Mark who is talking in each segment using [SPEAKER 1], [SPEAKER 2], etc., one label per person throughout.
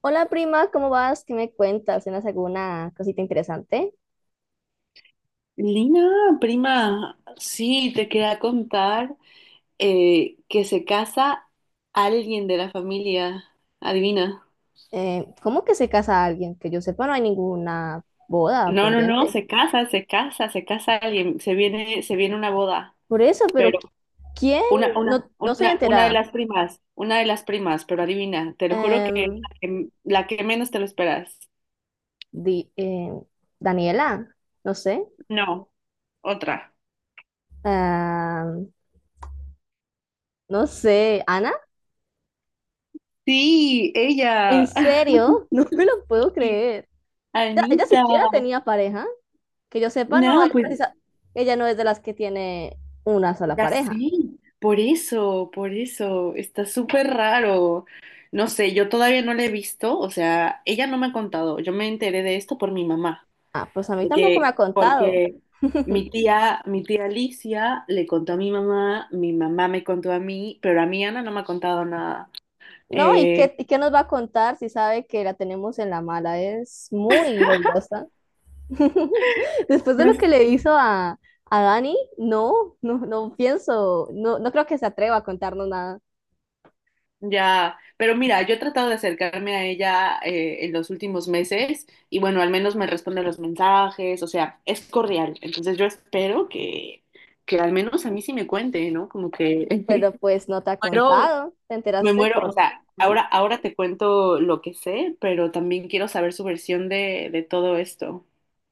[SPEAKER 1] Hola prima, ¿cómo vas? ¿Qué me cuentas? ¿Tienes alguna cosita interesante?
[SPEAKER 2] Lina, prima, sí, te quería contar que se casa alguien de la familia. Adivina.
[SPEAKER 1] ¿Cómo que se casa alguien? Que yo sepa, no hay ninguna boda
[SPEAKER 2] No, no, no,
[SPEAKER 1] pendiente.
[SPEAKER 2] se casa, se casa, se casa alguien. Se viene una boda.
[SPEAKER 1] Por eso, pero
[SPEAKER 2] Pero
[SPEAKER 1] ¿quién?
[SPEAKER 2] una, una,
[SPEAKER 1] No, no soy
[SPEAKER 2] una, una de
[SPEAKER 1] enterada.
[SPEAKER 2] las primas, una de las primas, pero adivina, te lo juro que es
[SPEAKER 1] Em,
[SPEAKER 2] la que menos te lo esperas.
[SPEAKER 1] di- em, Daniela, no sé.
[SPEAKER 2] No, otra.
[SPEAKER 1] Am, no sé, Ana,
[SPEAKER 2] Sí,
[SPEAKER 1] ¿en
[SPEAKER 2] ella.
[SPEAKER 1] serio? No me lo puedo
[SPEAKER 2] Sí,
[SPEAKER 1] creer. Ella,
[SPEAKER 2] Anita.
[SPEAKER 1] siquiera tenía pareja. Que yo sepa, no es
[SPEAKER 2] No, pues.
[SPEAKER 1] precisa. Ella no es de las que tiene una sola
[SPEAKER 2] Ya
[SPEAKER 1] pareja.
[SPEAKER 2] sí, por eso, está súper raro. No sé, yo todavía no la he visto, o sea, ella no me ha contado, yo me enteré de esto por mi mamá,
[SPEAKER 1] Ah, pues a mí tampoco me ha
[SPEAKER 2] porque,
[SPEAKER 1] contado.
[SPEAKER 2] porque mi tía, mi tía Alicia le contó a mi mamá me contó a mí, pero a mí Ana no me ha contado nada.
[SPEAKER 1] No, ¿y
[SPEAKER 2] Eh,
[SPEAKER 1] qué, y qué nos va a contar si sabe que la tenemos en la mala? Es muy odiosa. Después de
[SPEAKER 2] ya
[SPEAKER 1] lo que
[SPEAKER 2] sé.
[SPEAKER 1] le hizo a Dani, no, no, no pienso, no, no creo que se atreva a contarnos nada.
[SPEAKER 2] Ya, pero mira, yo he tratado de acercarme a ella en los últimos meses y bueno, al menos me responde los mensajes, o sea, es cordial. Entonces yo espero que al menos a mí sí me cuente, ¿no? Como que
[SPEAKER 1] Pero pues no te ha
[SPEAKER 2] muero,
[SPEAKER 1] contado, te
[SPEAKER 2] me
[SPEAKER 1] enteraste
[SPEAKER 2] muero, o
[SPEAKER 1] por
[SPEAKER 2] sea, ahora,
[SPEAKER 1] ahí.
[SPEAKER 2] ahora te cuento lo que sé, pero también quiero saber su versión de todo esto.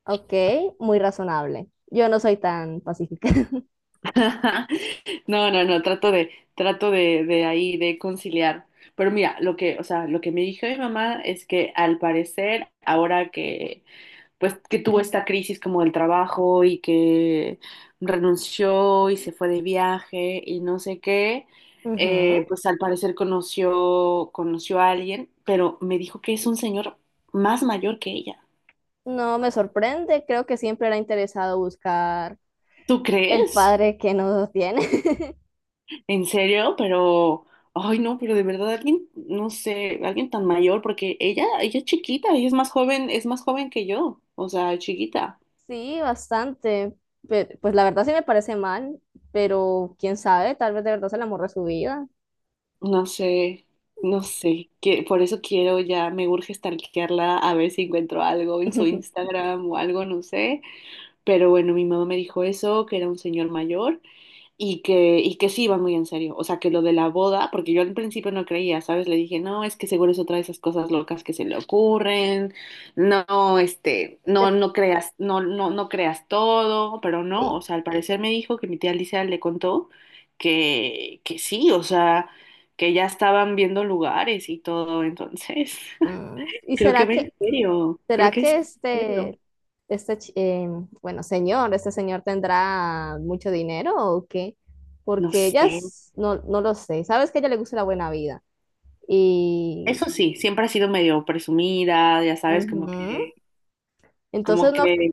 [SPEAKER 1] Ok, muy razonable. Yo no soy tan pacífica.
[SPEAKER 2] No, no, no, trato de, conciliar. Pero mira, lo que, o sea, lo que me dijo mi mamá es que al parecer, ahora que, pues, que tuvo esta crisis como del trabajo y que renunció y se fue de viaje y no sé qué,
[SPEAKER 1] Ujú.
[SPEAKER 2] pues al parecer conoció a alguien, pero me dijo que es un señor más mayor que ella.
[SPEAKER 1] No me sorprende, creo que siempre era interesado buscar
[SPEAKER 2] ¿Tú
[SPEAKER 1] el
[SPEAKER 2] crees?
[SPEAKER 1] padre que no tiene.
[SPEAKER 2] En serio, pero, ay no, pero de verdad alguien, no sé, alguien tan mayor, porque ella es chiquita, ella es más joven que yo, o sea, chiquita.
[SPEAKER 1] Sí, bastante. Pues la verdad sí me parece mal, pero quién sabe, tal vez de verdad se el amor de su vida.
[SPEAKER 2] No sé, no sé, que por eso quiero ya, me urge stalkearla a ver si encuentro algo en su Instagram o algo, no sé. Pero bueno, mi mamá me dijo eso, que era un señor mayor. Y que sí iba muy en serio. O sea, que lo de la boda, porque yo al principio no creía, ¿sabes? Le dije, no, es que seguro es otra de esas cosas locas que se le ocurren. No,
[SPEAKER 1] De-
[SPEAKER 2] no, no creas, no, no, no creas todo, pero no. O
[SPEAKER 1] sí.
[SPEAKER 2] sea, al parecer me dijo que mi tía Alicia le contó que sí, o sea, que ya estaban viendo lugares y todo. Entonces,
[SPEAKER 1] Ah, ¿y
[SPEAKER 2] creo que va en serio. Creo
[SPEAKER 1] será
[SPEAKER 2] que
[SPEAKER 1] que
[SPEAKER 2] sí, va en serio.
[SPEAKER 1] este, chi- eh, este señor tendrá mucho dinero o qué?
[SPEAKER 2] No
[SPEAKER 1] Porque
[SPEAKER 2] sé.
[SPEAKER 1] no, no lo sé. Sabes que a ella le gusta la buena vida. Y
[SPEAKER 2] Eso sí, siempre ha sido medio presumida, ya sabes, como
[SPEAKER 1] ujú.
[SPEAKER 2] que,
[SPEAKER 1] Entonces
[SPEAKER 2] como
[SPEAKER 1] no
[SPEAKER 2] que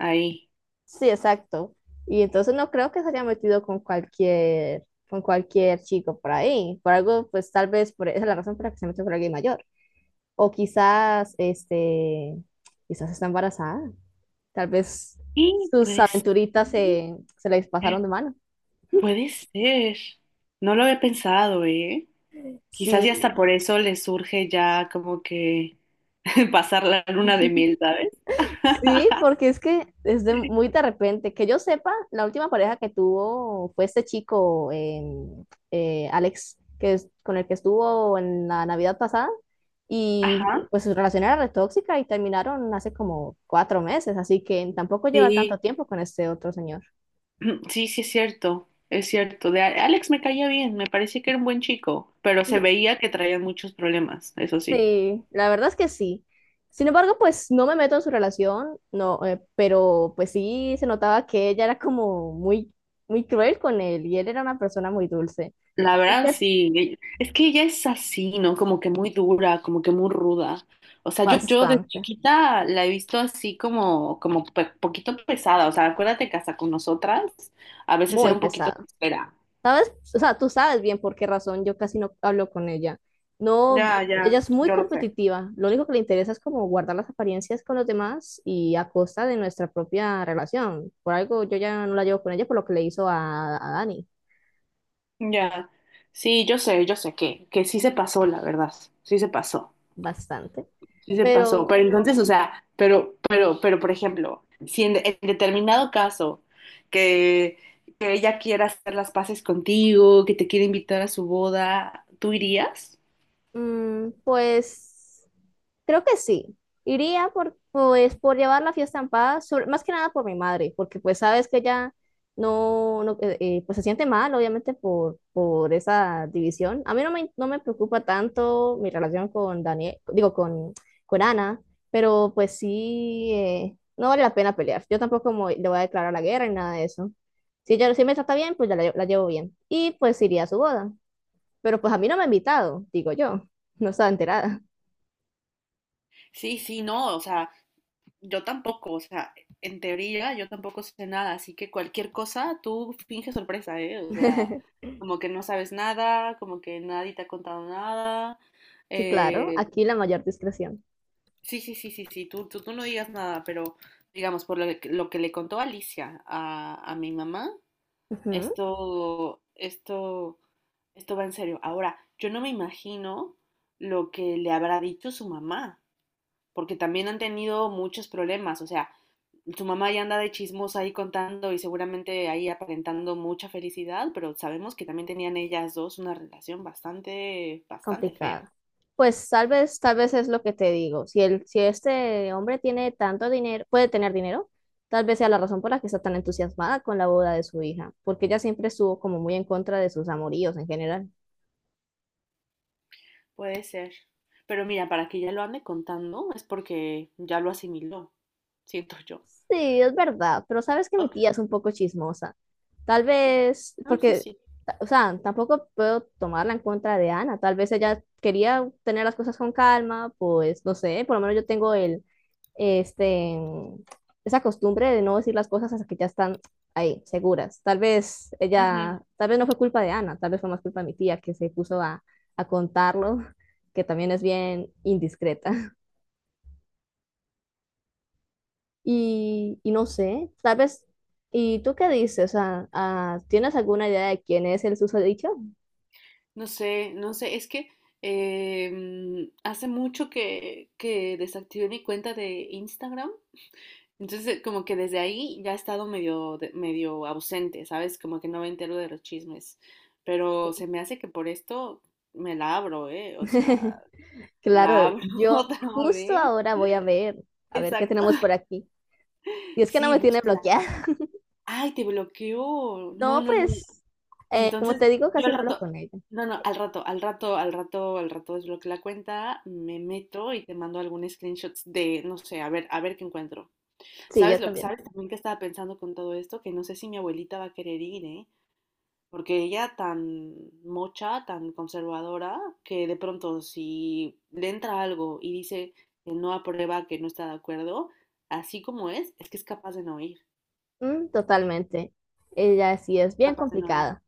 [SPEAKER 2] Ahí.
[SPEAKER 1] Sí, exacto. Y entonces no creo que se haya metido con cualquier chico por ahí. Por algo, pues tal vez por esa es la razón por la que se metió con alguien mayor. O quizás, este, quizás está embarazada. Tal vez
[SPEAKER 2] Y
[SPEAKER 1] sus
[SPEAKER 2] puede ser,
[SPEAKER 1] aventuritas se les pasaron de mano.
[SPEAKER 2] puede ser. No lo había pensado, ¿eh? Quizás y
[SPEAKER 1] Sí,
[SPEAKER 2] hasta por eso le surge ya como que pasar la luna de miel, ¿sabes?
[SPEAKER 1] Sí, porque es que es de muy de repente. Que yo sepa, la última pareja que tuvo fue este chico, Alex, que es, con el que estuvo en la Navidad pasada. Y
[SPEAKER 2] Ajá.
[SPEAKER 1] pues su relación era retóxica y terminaron hace como cuatro meses, así que tampoco lleva
[SPEAKER 2] Sí,
[SPEAKER 1] tanto tiempo con este otro señor.
[SPEAKER 2] sí, sí es cierto, es cierto. De Alex me caía bien, me parecía que era un buen chico, pero se veía que traía muchos problemas, eso sí.
[SPEAKER 1] Sí, la verdad es que sí. Sin embargo, pues no me meto en su relación, no, pero pues sí se notaba que ella era como muy, muy cruel con él y él era una persona muy dulce.
[SPEAKER 2] La
[SPEAKER 1] Así
[SPEAKER 2] verdad,
[SPEAKER 1] que
[SPEAKER 2] sí. Es que ella es así, ¿no? Como que muy dura, como que muy ruda. O sea, yo de
[SPEAKER 1] bastante,
[SPEAKER 2] chiquita la he visto así como, como poquito pesada. O sea, acuérdate que hasta con nosotras a veces era
[SPEAKER 1] muy
[SPEAKER 2] un poquito
[SPEAKER 1] pesado.
[SPEAKER 2] espera.
[SPEAKER 1] ¿Sabes? O sea, tú sabes bien por qué razón yo casi no hablo con ella. No,
[SPEAKER 2] Ya,
[SPEAKER 1] ella
[SPEAKER 2] ya,
[SPEAKER 1] es muy
[SPEAKER 2] yo lo sé.
[SPEAKER 1] competitiva. Lo único que le interesa es como guardar las apariencias con los demás y a costa de nuestra propia relación. Por algo yo ya no la llevo con ella por lo que le hizo a Dani.
[SPEAKER 2] Ya. Sí, yo sé que sí se pasó, la verdad. Sí se pasó.
[SPEAKER 1] Bastante,
[SPEAKER 2] Sí se pasó,
[SPEAKER 1] pero
[SPEAKER 2] pero entonces, o sea, pero, por ejemplo, si en determinado caso que, que ella quiera hacer las paces contigo, que te quiere invitar a su boda, ¿tú irías?
[SPEAKER 1] pues creo que sí. Iría por, pues, por llevar la fiesta en paz, más que nada por mi madre, porque pues sabes que ella no, no, pues se siente mal, obviamente, por esa división. A mí no me preocupa tanto mi relación con Daniel, digo, con Ana, pero pues sí, no vale la pena pelear. Yo tampoco me le voy a declarar la guerra ni nada de eso. Si ella si me trata bien, pues ya la llevo bien. Y pues iría a su boda. Pero pues a mí no me ha invitado, digo yo. No estaba enterada.
[SPEAKER 2] Sí, sí, no, o sea, yo tampoco, o sea, en teoría yo tampoco sé nada, así que cualquier cosa tú finges sorpresa, ¿eh? O sea, como que no sabes nada, como que nadie te ha contado nada,
[SPEAKER 1] Sí, claro,
[SPEAKER 2] eh,
[SPEAKER 1] aquí la mayor discreción.
[SPEAKER 2] Sí, sí, sí, sí, sí, tú no digas nada, pero digamos, por lo que le contó Alicia a mi mamá,
[SPEAKER 1] Ujú.
[SPEAKER 2] esto, esto, esto va en serio. Ahora, yo no me imagino lo que le habrá dicho su mamá, porque también han tenido muchos problemas, o sea, su mamá ya anda de chismosa ahí contando y seguramente ahí aparentando mucha felicidad, pero sabemos que también tenían ellas dos una relación bastante, bastante fea.
[SPEAKER 1] Complicado. Pues tal vez es lo que te digo. Si el, si este hombre tiene tanto dinero, puede tener dinero, tal vez sea la razón por la que está tan entusiasmada con la boda de su hija, porque ella siempre estuvo como muy en contra de sus amoríos en general.
[SPEAKER 2] Puede ser. Pero mira, para que ya lo ande contando es porque ya lo asimiló, siento yo.
[SPEAKER 1] Sí, es verdad, pero sabes que mi
[SPEAKER 2] Ok,
[SPEAKER 1] tía es un poco chismosa. Tal vez,
[SPEAKER 2] no, eso
[SPEAKER 1] porque,
[SPEAKER 2] sí.
[SPEAKER 1] o sea, tampoco puedo tomarla en contra de Ana. Tal vez ella quería tener las cosas con calma, pues no sé, por lo menos yo tengo el, este, esa costumbre de no decir las cosas hasta que ya están ahí, seguras. Tal vez
[SPEAKER 2] Ujú.
[SPEAKER 1] ella, tal vez no fue culpa de Ana, tal vez fue más culpa de mi tía que se puso a contarlo, que también es bien indiscreta. Y no sé, tal vez, ¿y tú qué dices? O sea, ah, ¿tienes alguna idea de quién es el susodicho?
[SPEAKER 2] No sé, no sé, es que hace mucho que desactivé mi cuenta de Instagram. Entonces, como que desde ahí ya he estado medio, medio ausente, ¿sabes? Como que no me entero de los chismes. Pero se me hace que por esto me la abro, ¿eh? O sea, la
[SPEAKER 1] Claro,
[SPEAKER 2] abro
[SPEAKER 1] yo
[SPEAKER 2] otra
[SPEAKER 1] justo
[SPEAKER 2] vez.
[SPEAKER 1] ahora voy a ver qué
[SPEAKER 2] Exacto.
[SPEAKER 1] tenemos por aquí. Y es que no
[SPEAKER 2] Sí,
[SPEAKER 1] me tiene
[SPEAKER 2] búsquela.
[SPEAKER 1] bloqueada.
[SPEAKER 2] Ay, te bloqueó. No,
[SPEAKER 1] No,
[SPEAKER 2] no, no.
[SPEAKER 1] pues, como
[SPEAKER 2] Entonces,
[SPEAKER 1] te digo,
[SPEAKER 2] yo
[SPEAKER 1] casi
[SPEAKER 2] al
[SPEAKER 1] no hablo
[SPEAKER 2] rato,
[SPEAKER 1] con ella.
[SPEAKER 2] no, no, al rato desbloqueo la cuenta, me meto y te mando algún screenshots de, no sé, a ver qué encuentro.
[SPEAKER 1] Sí,
[SPEAKER 2] ¿Sabes
[SPEAKER 1] yo
[SPEAKER 2] lo que
[SPEAKER 1] también.
[SPEAKER 2] sabes también que estaba pensando con todo esto? Que no sé si mi abuelita va a querer ir, ¿eh? Porque ella tan mocha, tan conservadora, que de pronto si le entra algo y dice que no aprueba, que no está de acuerdo, así como es que es capaz de no ir,
[SPEAKER 1] Mm, totalmente. Ella sí es bien
[SPEAKER 2] capaz de no ir.
[SPEAKER 1] complicada.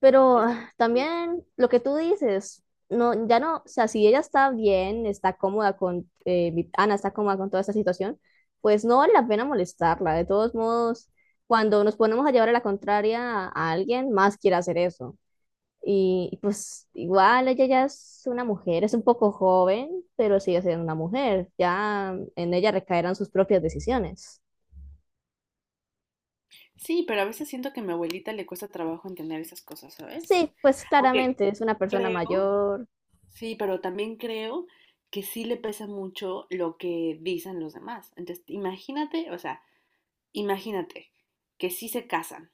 [SPEAKER 1] Pero
[SPEAKER 2] Es-
[SPEAKER 1] ah, también lo que tú dices, no, ya no, o sea, si ella está bien, está cómoda con, Ana está cómoda con toda esta situación, pues no vale la pena molestarla. De todos modos, cuando nos ponemos a llevar a la contraria a alguien, más quiere hacer eso. Y pues igual ella ya es una mujer, es un poco joven, pero sigue siendo una mujer. Ya en ella recaerán sus propias decisiones.
[SPEAKER 2] Sí, pero a veces siento que a mi abuelita le cuesta trabajo entender esas cosas, ¿sabes?
[SPEAKER 1] Sí, pues
[SPEAKER 2] Aunque
[SPEAKER 1] claramente es una persona
[SPEAKER 2] creo,
[SPEAKER 1] mayor.
[SPEAKER 2] sí, pero también creo que sí le pesa mucho lo que dicen los demás. Entonces, imagínate, o sea, imagínate que sí se casan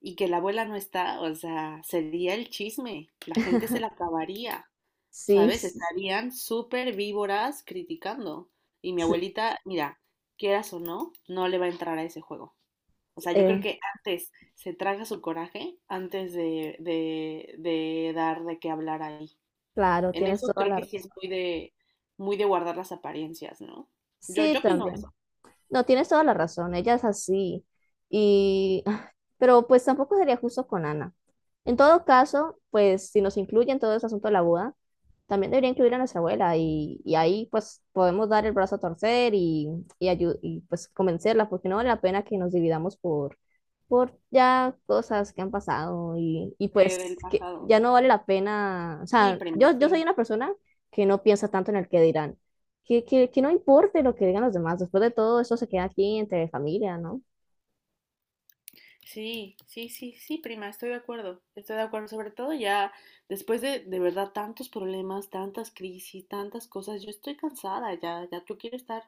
[SPEAKER 2] y que la abuela no está, o sea, sería el chisme, la gente se la acabaría,
[SPEAKER 1] Sí,
[SPEAKER 2] ¿sabes? Estarían súper víboras criticando. Y mi
[SPEAKER 1] s-
[SPEAKER 2] abuelita, mira, quieras o no, no le va a entrar a ese juego. O sea, yo creo
[SPEAKER 1] eh,
[SPEAKER 2] que antes se traga su coraje antes de dar de qué hablar ahí.
[SPEAKER 1] claro,
[SPEAKER 2] En
[SPEAKER 1] tienes
[SPEAKER 2] eso
[SPEAKER 1] toda
[SPEAKER 2] creo
[SPEAKER 1] la
[SPEAKER 2] que sí es
[SPEAKER 1] razón.
[SPEAKER 2] muy de guardar las apariencias, ¿no? Yo,
[SPEAKER 1] Sí,
[SPEAKER 2] yo opino eso,
[SPEAKER 1] también. No, tienes toda la razón, ella es así. Y, ah, pero pues tampoco sería justo con Ana. En todo caso, pues si nos incluyen todo ese asunto de la boda, también debería incluir a nuestra abuela y ahí pues podemos dar el brazo a torcer y y pues convencerla, porque no vale la pena que nos dividamos por ya cosas que han pasado y
[SPEAKER 2] del
[SPEAKER 1] pues que
[SPEAKER 2] pasado.
[SPEAKER 1] ya no vale la pena, o
[SPEAKER 2] Sí,
[SPEAKER 1] sea,
[SPEAKER 2] prima,
[SPEAKER 1] yo
[SPEAKER 2] sí.
[SPEAKER 1] soy una persona que no piensa tanto en el que dirán que no importe lo que digan los demás, después de todo eso se queda aquí entre familia, ¿no?
[SPEAKER 2] Sí, sí, sí, sí, prima, estoy de acuerdo. Estoy de acuerdo. Sobre todo ya después de verdad, tantos problemas, tantas crisis, tantas cosas. Yo estoy cansada ya. Ya yo quiero estar.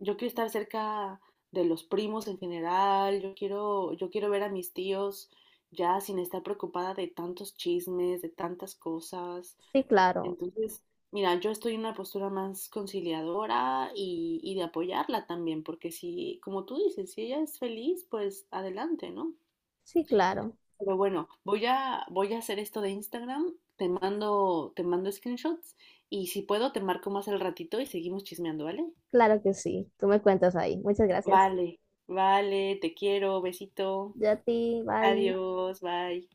[SPEAKER 2] Yo quiero estar cerca de los primos en general, yo quiero ver a mis tíos ya sin estar preocupada de tantos chismes, de tantas cosas.
[SPEAKER 1] Sí, claro,
[SPEAKER 2] Entonces, mira, yo estoy en una postura más conciliadora y de apoyarla también, porque si, como tú dices, si ella es feliz, pues adelante, ¿no?
[SPEAKER 1] sí, claro,
[SPEAKER 2] Pero bueno, voy a hacer esto de Instagram, te mando screenshots y si puedo te marco más al ratito y seguimos chismeando, ¿vale?
[SPEAKER 1] claro que sí. Tú me cuentas ahí. Muchas gracias.
[SPEAKER 2] Vale, vale, te quiero, besito,
[SPEAKER 1] Ya a ti, bye.
[SPEAKER 2] adiós, bye.